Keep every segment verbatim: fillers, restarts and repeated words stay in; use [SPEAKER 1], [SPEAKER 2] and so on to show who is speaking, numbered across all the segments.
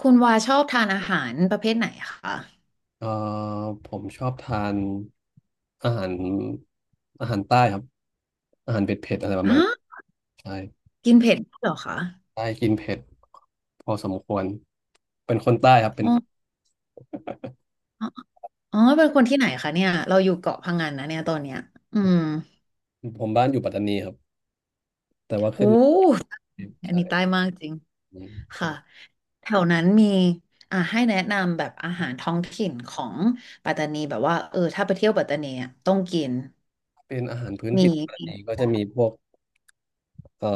[SPEAKER 1] คุณวาชอบทานอาหารประเภทไหนคะ
[SPEAKER 2] เอ่อผมชอบทานอาหารอาหารใต้ครับอาหารเผ็ดเผ็ดอะไรประ
[SPEAKER 1] อ๋อ
[SPEAKER 2] มาณนี้ใช่
[SPEAKER 1] กินเผ็ดด้วยเหรอคะ
[SPEAKER 2] ใต้กินเผ็ดพอสมควรเป็นคนใต้ครับเป็
[SPEAKER 1] อ๋
[SPEAKER 2] น
[SPEAKER 1] ออ๋ออ๋อ เป็นคนที่ไหนคะเนี่ยเราอยู่เกาะพังงานนะเนี่ยตอนเนี้ยอืม
[SPEAKER 2] ผมบ้านอยู่ปัตตานีครับ
[SPEAKER 1] โหอัน
[SPEAKER 2] ใช่
[SPEAKER 1] นี้ใต้มากจริง
[SPEAKER 2] อืม
[SPEAKER 1] ค่ะ
[SPEAKER 2] ใช่
[SPEAKER 1] แถวนั้นมีอ่าให้แนะนำแบบอาหารท้องถิ่นของปัตตานีแบบว่า เออ ถ้าไปเที่ยวปัตตานีอะต้องกิน
[SPEAKER 2] เป็นอาหารพื้น
[SPEAKER 1] มี
[SPEAKER 2] ถิ่นปัตตานีก็จะมีพวกเอ่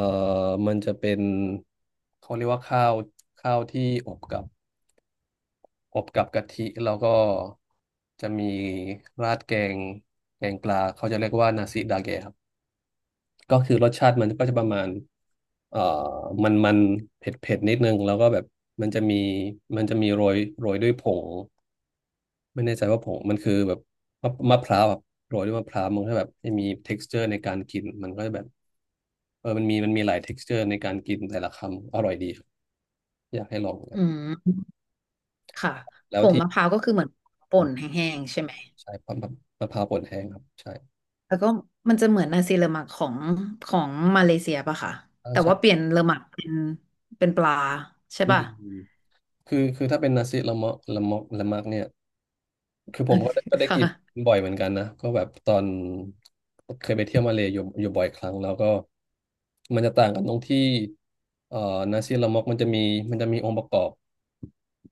[SPEAKER 2] อมันจะเป็นเขาเรียกว่าข้าวข้าวที่อบกับอบกับกะทิแล้วก็จะมีราดแกงแกงปลาเขาจะเรียกว่านาซิดาเกะครับ ก็คือรสชาติมันก็จะประมาณเอ่อมันมันเผ็ดเผ็ดนิดนึงแล้วก็แบบมันจะมีมันจะมีโรยโรยด้วยผงไม่แน่ใจว่าผงมันคือแบบมะมะพร้าวแบบโรยด้วยมะพร้าวมันก็แบบให้มี texture ในการกินมันก็จะแบบเออมันมีมันมีหลาย texture ในการกินแต่ละคำอร่อยดีครับอยากให้ลองครั
[SPEAKER 1] อื
[SPEAKER 2] บ
[SPEAKER 1] มค่ะผ
[SPEAKER 2] แล้ว
[SPEAKER 1] ง
[SPEAKER 2] ที่
[SPEAKER 1] มะพร้าวก็คือเหมือนป่นแห้งๆใช่ไหม
[SPEAKER 2] ใช่มะมะมะพร้าวป่นแห้งครับใช่
[SPEAKER 1] แล้วก็มันจะเหมือนนาซีเลอมักของของมาเลเซียป่ะค่ะ
[SPEAKER 2] อ่า
[SPEAKER 1] แต่
[SPEAKER 2] ใช่
[SPEAKER 1] ว่าเปลี่ยนเลอมักเป็นเป็นปลาใช่
[SPEAKER 2] อื
[SPEAKER 1] ป่ะ
[SPEAKER 2] มคือคือถ้าเป็นนาซิละเมาะละเมาะละมักเนี่ย คือผมก็ได้ก็ ได้กิน
[SPEAKER 1] ค่ะ
[SPEAKER 2] บ่อยเหมือนกันนะก็แบบตอนเคยไปเที่ยวมาเลย์อยู่อยู่บ่อยครั้งแล้วก็มันจะต่างกันตรงที่เอ่อนาซีลามอกมันจะมีมันจะมีองค์ประกอบ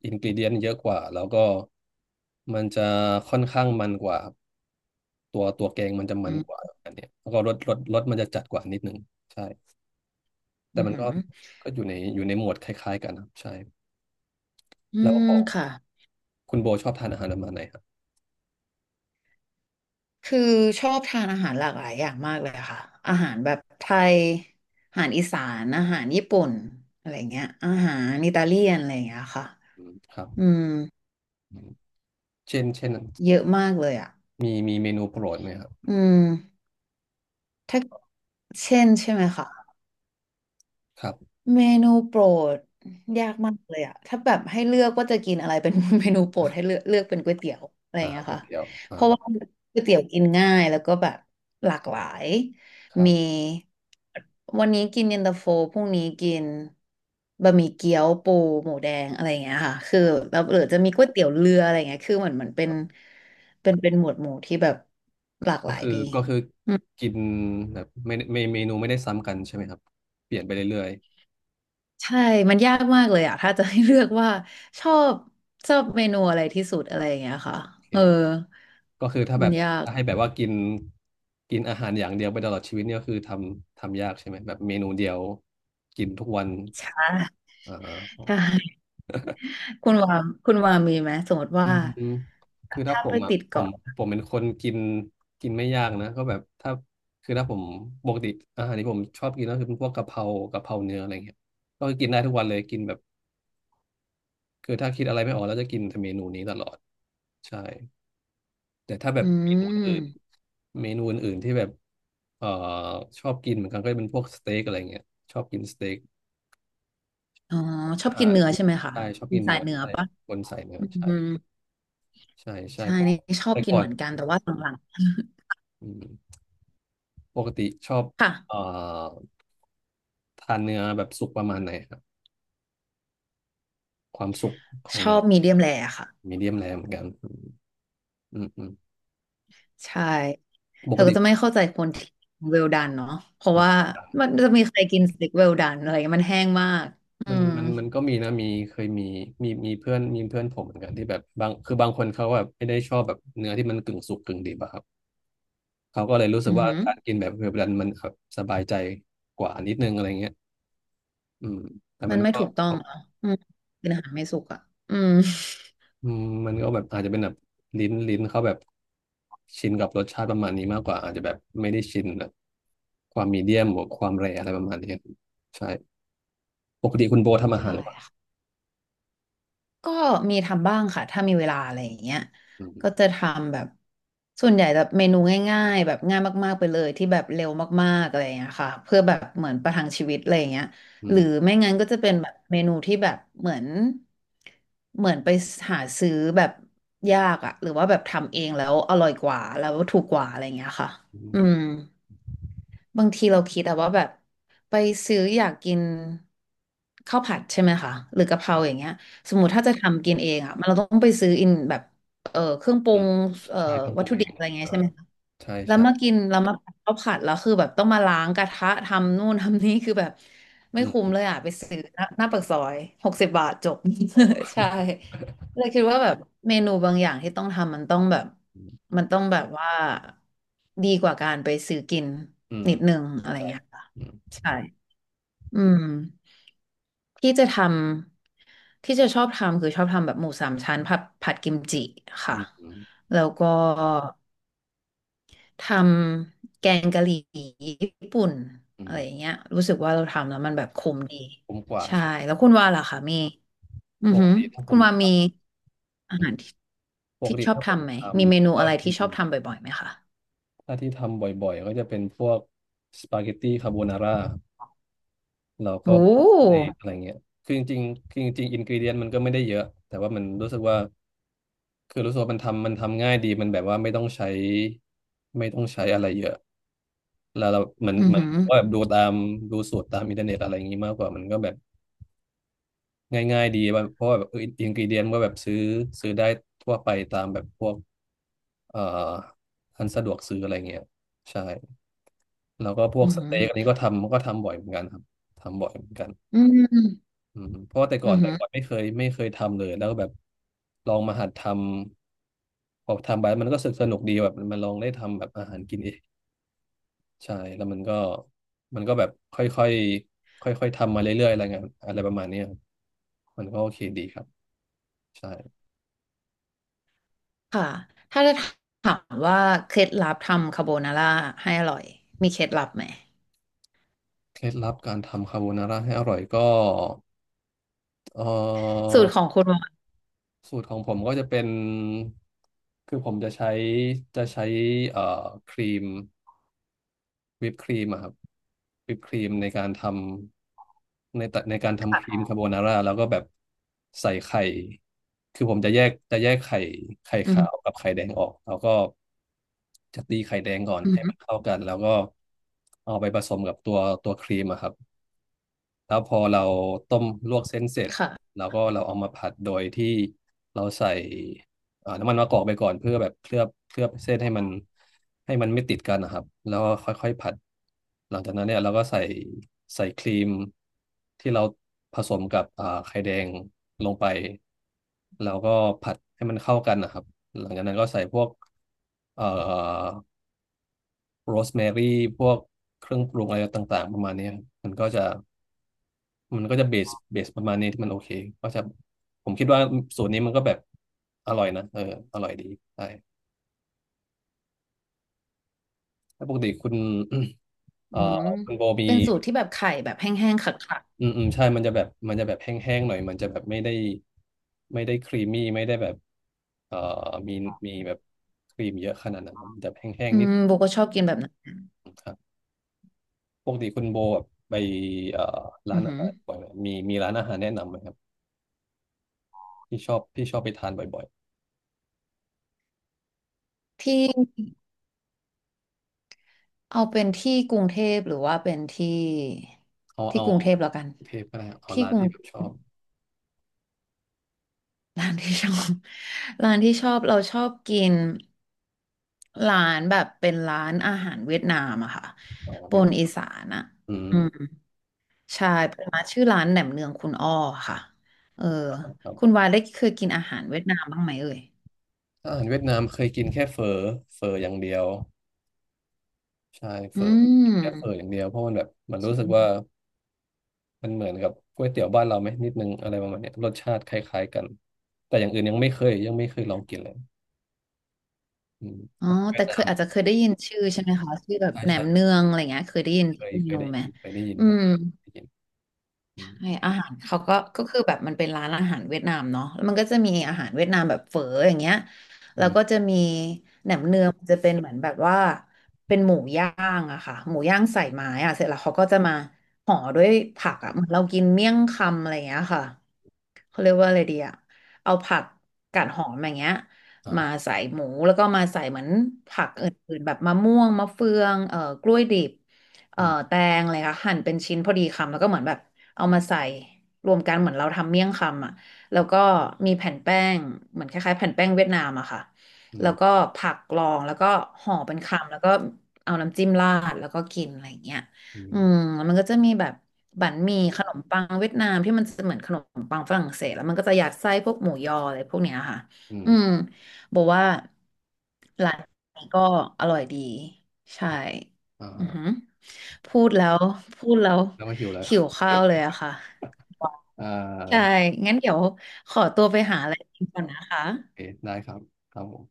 [SPEAKER 2] อินก e เดียนเยอะกว่าแล้วก็มันจะค่อนข้างมันกว่าตัวตัวแกงมันจะมั
[SPEAKER 1] อื
[SPEAKER 2] นกว่า
[SPEAKER 1] ม
[SPEAKER 2] อันเนี้ยแล้วก็รสรสรสมันจะจัดกว่านิดนึงใช่แต่
[SPEAKER 1] อือ
[SPEAKER 2] มัน
[SPEAKER 1] หือ
[SPEAKER 2] ก็ก็อยู่ในอยู่ในหมวดคล้ายๆกันนะครับใช่
[SPEAKER 1] อื
[SPEAKER 2] แล้ว
[SPEAKER 1] ม
[SPEAKER 2] ของ
[SPEAKER 1] ค่ะ
[SPEAKER 2] คุณโบชอบทานอาหารประมาณไหนครับ
[SPEAKER 1] คือชอบทานอาหารหลากหลายอย่างมากเลยค่ะอาหารแบบไทยอาหารอีสานอาหารญี่ปุ่นอะไรเงี้ยอาหารอิตาเลียนอะไรเงี้ยค่ะ
[SPEAKER 2] อืมครับ
[SPEAKER 1] อืม
[SPEAKER 2] อืมเช่นเช่น
[SPEAKER 1] เยอะมากเลยอ่ะ
[SPEAKER 2] มีมีเมนูโปรดไหมครับ
[SPEAKER 1] อืมถ้าเช่นใช่ไหมคะ
[SPEAKER 2] ครับ
[SPEAKER 1] เมนูโปรดยากมากเลยอะถ้าแบบให้เลือกว่าจะกินอะไรเป็น เมนูโปรดให้เลือกเลือกเป็นก๋วยเตี๋ยวอะไรอ
[SPEAKER 2] อ่า
[SPEAKER 1] ย่างเงี้ย
[SPEAKER 2] ก๋วย
[SPEAKER 1] ค่ะ
[SPEAKER 2] เตี๋ยวอ่า
[SPEAKER 1] เพราะว่าก๋วยเตี๋ยวกินง่ายแล้วก็แบบหลากหลาย
[SPEAKER 2] ครับ
[SPEAKER 1] มีวันนี้กินเย็นตาโฟพรุ่งนี้กินบะหมี่เกี๊ยวปูหมูแดงอะไรอย่างเงี้ยค่ะคือแล้วหรือจะมีก๋วยเตี๋ยวเรืออะไรอย่างเงี้ยคือเหมือนเหมือนเป็นเป็นเป็นหมวดหมู่ที่แบบหลากห
[SPEAKER 2] ก็
[SPEAKER 1] ลาย
[SPEAKER 2] คือ
[SPEAKER 1] ดี
[SPEAKER 2] ก็คือกินแบบไม่ไม่เมนูไม่ได้ซ้ำกันใช่ไหมครับเปลี่ยนไปเรื่อย
[SPEAKER 1] ใช่ มันยากมากเลยอะถ้าจะให้เลือกว่าชอบชอบเมนูอะไรที่สุดอะไรอย่างเงี้ยค่ะ
[SPEAKER 2] ๆโอเค
[SPEAKER 1] เออ
[SPEAKER 2] ก็คือถ้าแบ
[SPEAKER 1] มัน
[SPEAKER 2] บ
[SPEAKER 1] ยาก
[SPEAKER 2] ถ้าให้แบบว่ากินกินอาหารอย่างเดียวไปตลอดชีวิตเนี่ยก็คือทำทำยากใช่ไหมแบบเมนูเดียวกินทุกวัน
[SPEAKER 1] อ่ะ
[SPEAKER 2] อ่า
[SPEAKER 1] ใช่คุณวามคุณวามีไหม สมมติ
[SPEAKER 2] อื
[SPEAKER 1] ว่า
[SPEAKER 2] มคือถ้า
[SPEAKER 1] ถ้า
[SPEAKER 2] ผ
[SPEAKER 1] ไป
[SPEAKER 2] มอ่ะ
[SPEAKER 1] ติด
[SPEAKER 2] ผม
[SPEAKER 1] เกาะ
[SPEAKER 2] ผมเป็นคนกินกินไม่ยากนะก็แบบถ้าคือถ้าผมปกติอาหารที่ผมชอบกินก็คือเป็นพวกกะเพรากะเพราเนื้ออะไรเงี้ยก็กินได้ทุกวันเลยกินแบบคือถ้าคิดอะไรไม่ออกแล้วจะกินแต่เมนูนี้ตลอดใช่แต่ถ้าแบ
[SPEAKER 1] อื
[SPEAKER 2] บเมนู
[SPEAKER 1] ม
[SPEAKER 2] อื่นเมนูอื่นๆที่แบบเอ่อชอบกินเหมือนกันก็จะเป็นพวกสเต็กอะไรเงี้ยชอบกินสเต็ก
[SPEAKER 1] อ๋อ ชอ
[SPEAKER 2] อา
[SPEAKER 1] บกิ
[SPEAKER 2] หา
[SPEAKER 1] น
[SPEAKER 2] ร
[SPEAKER 1] เนื้อใช่ไหมคะ
[SPEAKER 2] ใช่ชอบ
[SPEAKER 1] เป็น
[SPEAKER 2] กิน
[SPEAKER 1] สา
[SPEAKER 2] เนื้
[SPEAKER 1] ย
[SPEAKER 2] อ
[SPEAKER 1] เนื้อ
[SPEAKER 2] ใช่
[SPEAKER 1] ปะ
[SPEAKER 2] คนใส่เนื้อ
[SPEAKER 1] อื
[SPEAKER 2] ใช่
[SPEAKER 1] ม
[SPEAKER 2] ใช่ใช่
[SPEAKER 1] ใช่
[SPEAKER 2] เพราะ
[SPEAKER 1] นี่ชอบ
[SPEAKER 2] แต่
[SPEAKER 1] กิน
[SPEAKER 2] ก่อ
[SPEAKER 1] เห
[SPEAKER 2] น
[SPEAKER 1] มือนกัน แต่ว่าหลัง
[SPEAKER 2] อืม ปกติชอบ
[SPEAKER 1] ๆค่ะ
[SPEAKER 2] เอ่อทานเนื้อแบบสุกประมาณไหนครับความสุกของ
[SPEAKER 1] ชอ
[SPEAKER 2] เนื้อ
[SPEAKER 1] บมีเดียมแรร์ค่ะ
[SPEAKER 2] มีเดียมแรเหมือนกันอืมอืม
[SPEAKER 1] ใช่
[SPEAKER 2] ป
[SPEAKER 1] เธอ
[SPEAKER 2] ก
[SPEAKER 1] ก็จะ
[SPEAKER 2] ติ
[SPEAKER 1] ไม่เข้าใจคนที่เวลดันเนาะเพราะว่า
[SPEAKER 2] อ่ะ
[SPEAKER 1] มันจะมีใครกินสเต็กเวลดันอะไรเงี้ยมันแห้งมากอื
[SPEAKER 2] มัน
[SPEAKER 1] ม
[SPEAKER 2] มันมันก็มีนะมีเคยมีมีมีเพื่อนมีเพื่อนผมเหมือนกันที่แบบบางคือบางคนเขาแบบไม่ได้ชอบแบบเนื้อที่มันกึ่งสุกกึ่งดิบอะครับเขาก็เลยรู้สึก
[SPEAKER 1] อือ
[SPEAKER 2] ว่า
[SPEAKER 1] หือ
[SPEAKER 2] การกินแบบเวลามันแบบสบายใจกว่านิดนึงอะไรเงี้ยอืมแต่
[SPEAKER 1] มั
[SPEAKER 2] มั
[SPEAKER 1] น
[SPEAKER 2] น
[SPEAKER 1] ไม่
[SPEAKER 2] ก็
[SPEAKER 1] ถูกต้องเนาะอืมกินอาหารไม่สุกอ่ะอืม
[SPEAKER 2] อืมมันก็แบบอาจจะเป็นแบบลิ้นลิ้นเขาแบบชินกับรสชาติประมาณนี้มากกว่าอาจจะแบบไม่ได้ชินแบบความมีเดียมหรือความแรร์อะไรประมาณนี้ใช่ปกติคุณโบทำอาหาร
[SPEAKER 1] ใช่
[SPEAKER 2] หรือเปล่า
[SPEAKER 1] ค่ะ ก็มีทำบ้างค่ะถ้ามีเวลาอะไรอย่างเงี้ย
[SPEAKER 2] อืม
[SPEAKER 1] ก็จะทำแบบส่วนใหญ่แบบเมนูง่ายๆแบบง่ายมากๆไปเลยที่แบบเร็วมากๆอะไรอย่างเงี้ยค่ะเพื่อแบบเหมือนประทังชีวิตอะไรอย่างเงี้ย
[SPEAKER 2] อื
[SPEAKER 1] ห
[SPEAKER 2] ม
[SPEAKER 1] รือไม่งั้นก็จะเป็นแบบเมนูที่แบบเหมือนเหมือนไปหาซื้อแบบยากอะหรือว่าแบบทำเองแล้วอร่อยกว่าแล้วถูกกว่าอะไรอย่างเงี้ยค่ะ
[SPEAKER 2] อื
[SPEAKER 1] อืม
[SPEAKER 2] ม
[SPEAKER 1] บางทีเราคิดอะว่าแบบไปซื้ออยากกินข้าวผัดใช่ไหมคะหรือกะเพราอย่างเงี้ยสมมติถ้าจะทำกินเองอะมันเราต้องไปซื้ออินแบบเอ่อเครื่องปรุ
[SPEAKER 2] อืม
[SPEAKER 1] งเอ่อ
[SPEAKER 2] ใช่เพิ่งป
[SPEAKER 1] วัต
[SPEAKER 2] รุง
[SPEAKER 1] ถุ
[SPEAKER 2] เอ
[SPEAKER 1] ดิบ
[SPEAKER 2] ง
[SPEAKER 1] อะไรเงี้ย
[SPEAKER 2] อ่า
[SPEAKER 1] ใช่ไหมคะ
[SPEAKER 2] ใช่
[SPEAKER 1] แล้ว
[SPEAKER 2] ใช่
[SPEAKER 1] มากินแล้วมาผัดข้าวผัดแล้วคือแบบต้องมาล้างกระทะทำนู่นทำนี่คือแบบไม่
[SPEAKER 2] อื
[SPEAKER 1] คุ้ม
[SPEAKER 2] ม
[SPEAKER 1] เลยอะไปซื้อหน้าหน้าปากซอยหกสิบบาทจบ
[SPEAKER 2] อ๋อ
[SPEAKER 1] ใช่ เลยคิดว่าแบบเมนูบางอย่างที่ต้องทำมันต้องแบบ
[SPEAKER 2] อืม
[SPEAKER 1] มันต้องแบบว่าดีกว่าการไปซื้อกิน
[SPEAKER 2] อืม
[SPEAKER 1] นิดนึงอะ
[SPEAKER 2] เข้า
[SPEAKER 1] ไร
[SPEAKER 2] ใจ
[SPEAKER 1] เงี้ยค่ะ
[SPEAKER 2] อืม
[SPEAKER 1] ใช่อืมที่จะทำที่จะชอบทำคือชอบทำแบบหมูสามชั้นผัดผัดกิมจิ
[SPEAKER 2] อื
[SPEAKER 1] ค่ะ
[SPEAKER 2] มอืม
[SPEAKER 1] แล้วก็ทำแกงกะหรี่ญี่ปุ่น
[SPEAKER 2] อื
[SPEAKER 1] อะ
[SPEAKER 2] ม
[SPEAKER 1] ไรอย่างเงี้ยรู้สึกว่าเราทำแล้วมันแบบคุ้มดี
[SPEAKER 2] ผมกว่า
[SPEAKER 1] ใช่
[SPEAKER 2] ใช่
[SPEAKER 1] แล้วคุณว่าล่ะคะมีอือ
[SPEAKER 2] ปก
[SPEAKER 1] หือ
[SPEAKER 2] ติถ้าผ
[SPEAKER 1] คุ
[SPEAKER 2] ม
[SPEAKER 1] ณ
[SPEAKER 2] ท
[SPEAKER 1] ว่ามี
[SPEAKER 2] ำ
[SPEAKER 1] อา
[SPEAKER 2] อืม
[SPEAKER 1] หารที่
[SPEAKER 2] ปก
[SPEAKER 1] ที่
[SPEAKER 2] ติ
[SPEAKER 1] ชอบ
[SPEAKER 2] ถ้าผม
[SPEAKER 1] ทำไหม
[SPEAKER 2] ท
[SPEAKER 1] มีเมนู
[SPEAKER 2] ำก็
[SPEAKER 1] อะไร
[SPEAKER 2] ที่
[SPEAKER 1] ที่ชอบทำบ่อยๆไหมคะ
[SPEAKER 2] ถ้าที่ทำบ่อยๆก็จะเป็นพวกสปาเกตตี้คาโบนาร่า เราก็
[SPEAKER 1] โอ้
[SPEAKER 2] บอกอะไรอะไรเงี้ยคือจริงๆคือจริงๆอินกรีเดียนมันก็ไม่ได้เยอะ แต่ว่ามันรู้สึกว่า คือรู้สึกว่ามันทำมันทำง่ายดีมันแบบว่าไม่ต้องใช้ไม่ต้องใช้อะไรเยอะ แล้วเราเหมือน
[SPEAKER 1] อือ
[SPEAKER 2] เหมือน
[SPEAKER 1] หือ
[SPEAKER 2] ว่าแบบดูตามดูสูตรตามอินเทอร์เน็ตอะไรอย่างงี้มากกว่า มันก็แบบง่ายๆดีว่าเพราะว่าแบบอินกรีเดียนก็แบบซื้อซื้อได้ทั่วไปตามแบบพวกเอ่ออันสะดวกซื้ออะไรเงี้ย ใช่ แล้วก็พว
[SPEAKER 1] อื
[SPEAKER 2] ก
[SPEAKER 1] อ
[SPEAKER 2] ส
[SPEAKER 1] หือ
[SPEAKER 2] เต็กอันนี้ก็ทำก็ทำบ่อยเหมือนกันครับทำบ่อยเหมือนกัน
[SPEAKER 1] อืม
[SPEAKER 2] อืมเพราะว่าแต่ก่อ
[SPEAKER 1] อื
[SPEAKER 2] น
[SPEAKER 1] อ
[SPEAKER 2] แต่
[SPEAKER 1] หือ
[SPEAKER 2] ก่อนไม่เคยไม่เคยทำเลยแล้วก็แบบลองมาหัดทำพอทำไปมันก็สนุกดีแบบมันลองได้ทำแบบอาหารกินเองใช่แล้วมันก็มันก็แบบค่อยค่อยค่อยค่อยๆทำมาเรื่อยๆอะไรเงี้ยอะไรประมาณเนี้ยครับมันก็โอเคดีครับใช่
[SPEAKER 1] ค่ะถ้าจะถามว่าเคล็ดลับทำคาโบนาร่าให้อร่อยมีเคล็ดลับไหม
[SPEAKER 2] เคล็ดลับการทำคาโบนาร่าให้อร่อยก็เอ่อ
[SPEAKER 1] สูตรของคุณหมอ
[SPEAKER 2] สูตรของผมก็จะเป็นคือผมจะใช้จะใช้เอ่อครีม วิปครีมอะครับวิปครีมในการทำในตะในการทำครีมคาโบนาร่าแล้วก็แบบใส่ไข่คือผมจะแยกจะแยกไข่ไข่
[SPEAKER 1] อื
[SPEAKER 2] ขาว
[SPEAKER 1] ม
[SPEAKER 2] กับไข่แดงออกแล้วก็จะตีไข่แดงก่อน
[SPEAKER 1] อื
[SPEAKER 2] ให้มั
[SPEAKER 1] ม
[SPEAKER 2] นเข้ากันแล้วก็เอาไปผสมกับตัวตัวครีมอะครับ แล้วพอเราต้มลวกเส้นเสร็จ
[SPEAKER 1] ค่ะ
[SPEAKER 2] แล้วก็เราเอามาผัดโดยที่เราใส่เอ่อน้ำมันมะกอกไปก่อนเพื่อแบบเคลือบเคลือบเส้นให้มันให้มันไม่ติดกันนะครับแล้วก็ค่อยๆผัดหลังจากนั้นเนี่ยเราก็ใส่ใส่ครีมที่เราผสมกับอ่าไข่แดงลงไปแล้วก็ผัดให้มันเข้ากันนะครับหลังจากนั้นก็ใส่พวกเอ่อโรสแมรี่พวกเครื่องปรุงอะไรต่างๆประมาณเนี้ยครับมันก็จะ มันก็จะเบสเบสประมาณนี้ที่มันโอเคก็จะผมคิดว่าสูตรนี้มันก็แบบอร่อยนะเอออร่อยดีใช่แล้วปกติคุณ เอ่
[SPEAKER 1] อื
[SPEAKER 2] อ
[SPEAKER 1] ม
[SPEAKER 2] คุณโบมี
[SPEAKER 1] เป็นสูตรที่แบบไข่แบบแห้งๆขัด
[SPEAKER 2] อืมอืมใช่มันจะแบบมันจะแบบแห้งๆหน่อยมันจะแบบไม่ได้ไม่ได้ครีมมี่ไม่ได้แบบเอ่อมีมีแบบครีมเยอะขนาดนั้นครับมันจะแห้
[SPEAKER 1] ๆ
[SPEAKER 2] ง
[SPEAKER 1] อื
[SPEAKER 2] ๆนิด
[SPEAKER 1] มโบก็ชอบกินแบบนั้น
[SPEAKER 2] ครับปกติคุณโบแบบไปเอ่อร้า
[SPEAKER 1] อื
[SPEAKER 2] น
[SPEAKER 1] อ
[SPEAKER 2] อา
[SPEAKER 1] หือ
[SPEAKER 2] หารบ่อยไหมมีมีร้านอาหารแนะนำไหมครับที่ชอบที่ชอบไปทานบ่อย
[SPEAKER 1] ที่เอาเป็นที่กรุงเทพหรือว่าเป็นที่
[SPEAKER 2] ๆเอา
[SPEAKER 1] ที่
[SPEAKER 2] เอา
[SPEAKER 1] กรุงเทพแล้วกัน
[SPEAKER 2] เทปก็ได้เอา
[SPEAKER 1] ที่
[SPEAKER 2] ร้า
[SPEAKER 1] ก
[SPEAKER 2] น
[SPEAKER 1] รุง
[SPEAKER 2] ที่แบบชอบ
[SPEAKER 1] ร้านที่ชอบ ร้านที่ชอบเราชอบกินร้านแบบเป็นร้านอาหารเวียดนามอะค่ะ
[SPEAKER 2] เอ
[SPEAKER 1] ปน
[SPEAKER 2] า
[SPEAKER 1] อีสานอะ
[SPEAKER 2] อื
[SPEAKER 1] อื
[SPEAKER 2] ม
[SPEAKER 1] มใช่เป็นร้านชื่อร้านแหนมเนืองคุณอ้อค่ะเออ
[SPEAKER 2] ครั
[SPEAKER 1] คุณ
[SPEAKER 2] บ
[SPEAKER 1] วายได้เคยกินอาหารเวียดนามบ้างไหมเอ่ย
[SPEAKER 2] อาหารเวียดนามเคยกินแค่เฟอเฟออย่างเดียวใช่เฟ
[SPEAKER 1] อื
[SPEAKER 2] อกิ
[SPEAKER 1] ม
[SPEAKER 2] นแค่เฟออย่างเดียวเพราะมันแบบมันรู้สึกว่า
[SPEAKER 1] ใช่
[SPEAKER 2] มันเหมือนกับก๋วยเตี๋ยวบ้านเราไหมนิดนึงอะไรประมาณเนี้ยรสชาติคล้ายๆกันแต่อย่างอื่นยังไม่เคยยังไม่เคยลองกินเลยอืม
[SPEAKER 1] อ๋อ
[SPEAKER 2] อาหารเวีย
[SPEAKER 1] แต่
[SPEAKER 2] ดนา
[SPEAKER 1] เค
[SPEAKER 2] ม
[SPEAKER 1] ยอาจจะเคยได้ยินชื่อใช่ไหมคะชื่อแบบ
[SPEAKER 2] ใช่
[SPEAKER 1] แหน
[SPEAKER 2] ใช่
[SPEAKER 1] มเนืองอะไรเงี้ยเคยได้ยิน
[SPEAKER 2] เคย
[SPEAKER 1] ชื่อเม
[SPEAKER 2] เคย
[SPEAKER 1] นู
[SPEAKER 2] ได้
[SPEAKER 1] ไหม
[SPEAKER 2] ยินเคยได้ยิน
[SPEAKER 1] อื
[SPEAKER 2] ครับ
[SPEAKER 1] ม
[SPEAKER 2] ได้ยินอื
[SPEAKER 1] ใช่
[SPEAKER 2] ม
[SPEAKER 1] อาหารเขาก็ก็คือแบบมันเป็นร้านอาหารเวียดนามเนาะแล้วมันก็จะมีอาหารเวียดนามแบบเฝออย่างเงี้ย
[SPEAKER 2] อื
[SPEAKER 1] แล้ว
[SPEAKER 2] ม
[SPEAKER 1] ก็จะมีแหนมเนืองมันจะเป็นเหมือนแบบว่าเป็นหมูย่างอะค่ะหมูย่างใส่ไม้อะเสร็จแล้วเขาก็จะมาห่อด้วยผักอะเหมือนเรากินเมี่ยงคำอะไรอย่างเงี้ยค่ะเขาเรียกว่าอะไรดีอะเอาผักกาดหอมอย่างเงี้ย
[SPEAKER 2] อ่า
[SPEAKER 1] มา
[SPEAKER 2] ฮะ
[SPEAKER 1] ใส่หมูแล้วก็มาใส่เหมือนผักอื่นๆแบบมะม่วงมะเฟืองเอ่อกล้วยดิบเอ่
[SPEAKER 2] อื
[SPEAKER 1] อ
[SPEAKER 2] ม
[SPEAKER 1] แตงอะไรค่ะหั่นเป็นชิ้นพอดีคำแล้วก็เหมือนแบบ เอามาใส่รวมกันเหมือนเราทำเมี่ยงคำอ่ะแล้วก็มีแผ่นแป้งเหมือนคล้ายๆแผ่นแป้งเวียดนามอะค่ะ
[SPEAKER 2] อื
[SPEAKER 1] แล้ว
[SPEAKER 2] ม
[SPEAKER 1] ก็ผักกรองแล้วก็ห่อเป็นคำแล้วก็เอาน้ำจิ้มราดแล้วก็กินอะไรอย่างเงี้ย
[SPEAKER 2] อื
[SPEAKER 1] อื
[SPEAKER 2] ม
[SPEAKER 1] มแล้วมันก็จะมีแบบบั๋นหมี่ขนมปังเวียดนามที่มันจะเหมือนขนมปังฝรั่งเศสแล้วมันก็จะยัดไส้พวกหมูยออะไรพวกเนี้ยค่ะ
[SPEAKER 2] อื
[SPEAKER 1] อืม
[SPEAKER 2] ม
[SPEAKER 1] บอกว่าร้านนี้ก็อร่อยดีใช่
[SPEAKER 2] อ่า
[SPEAKER 1] อื
[SPEAKER 2] ฮะ
[SPEAKER 1] อหือพูดแล้วพูดแล้ว
[SPEAKER 2] แล้วก็หิวแล้
[SPEAKER 1] หิ
[SPEAKER 2] ว
[SPEAKER 1] วข้าวเลยอะค่ะ
[SPEAKER 2] อ่า
[SPEAKER 1] ใช่งั้นเดี๋ยวขอตัวไปหาอะไรกินก่อนนะคะ
[SPEAKER 2] โอเคได้ครับครับผม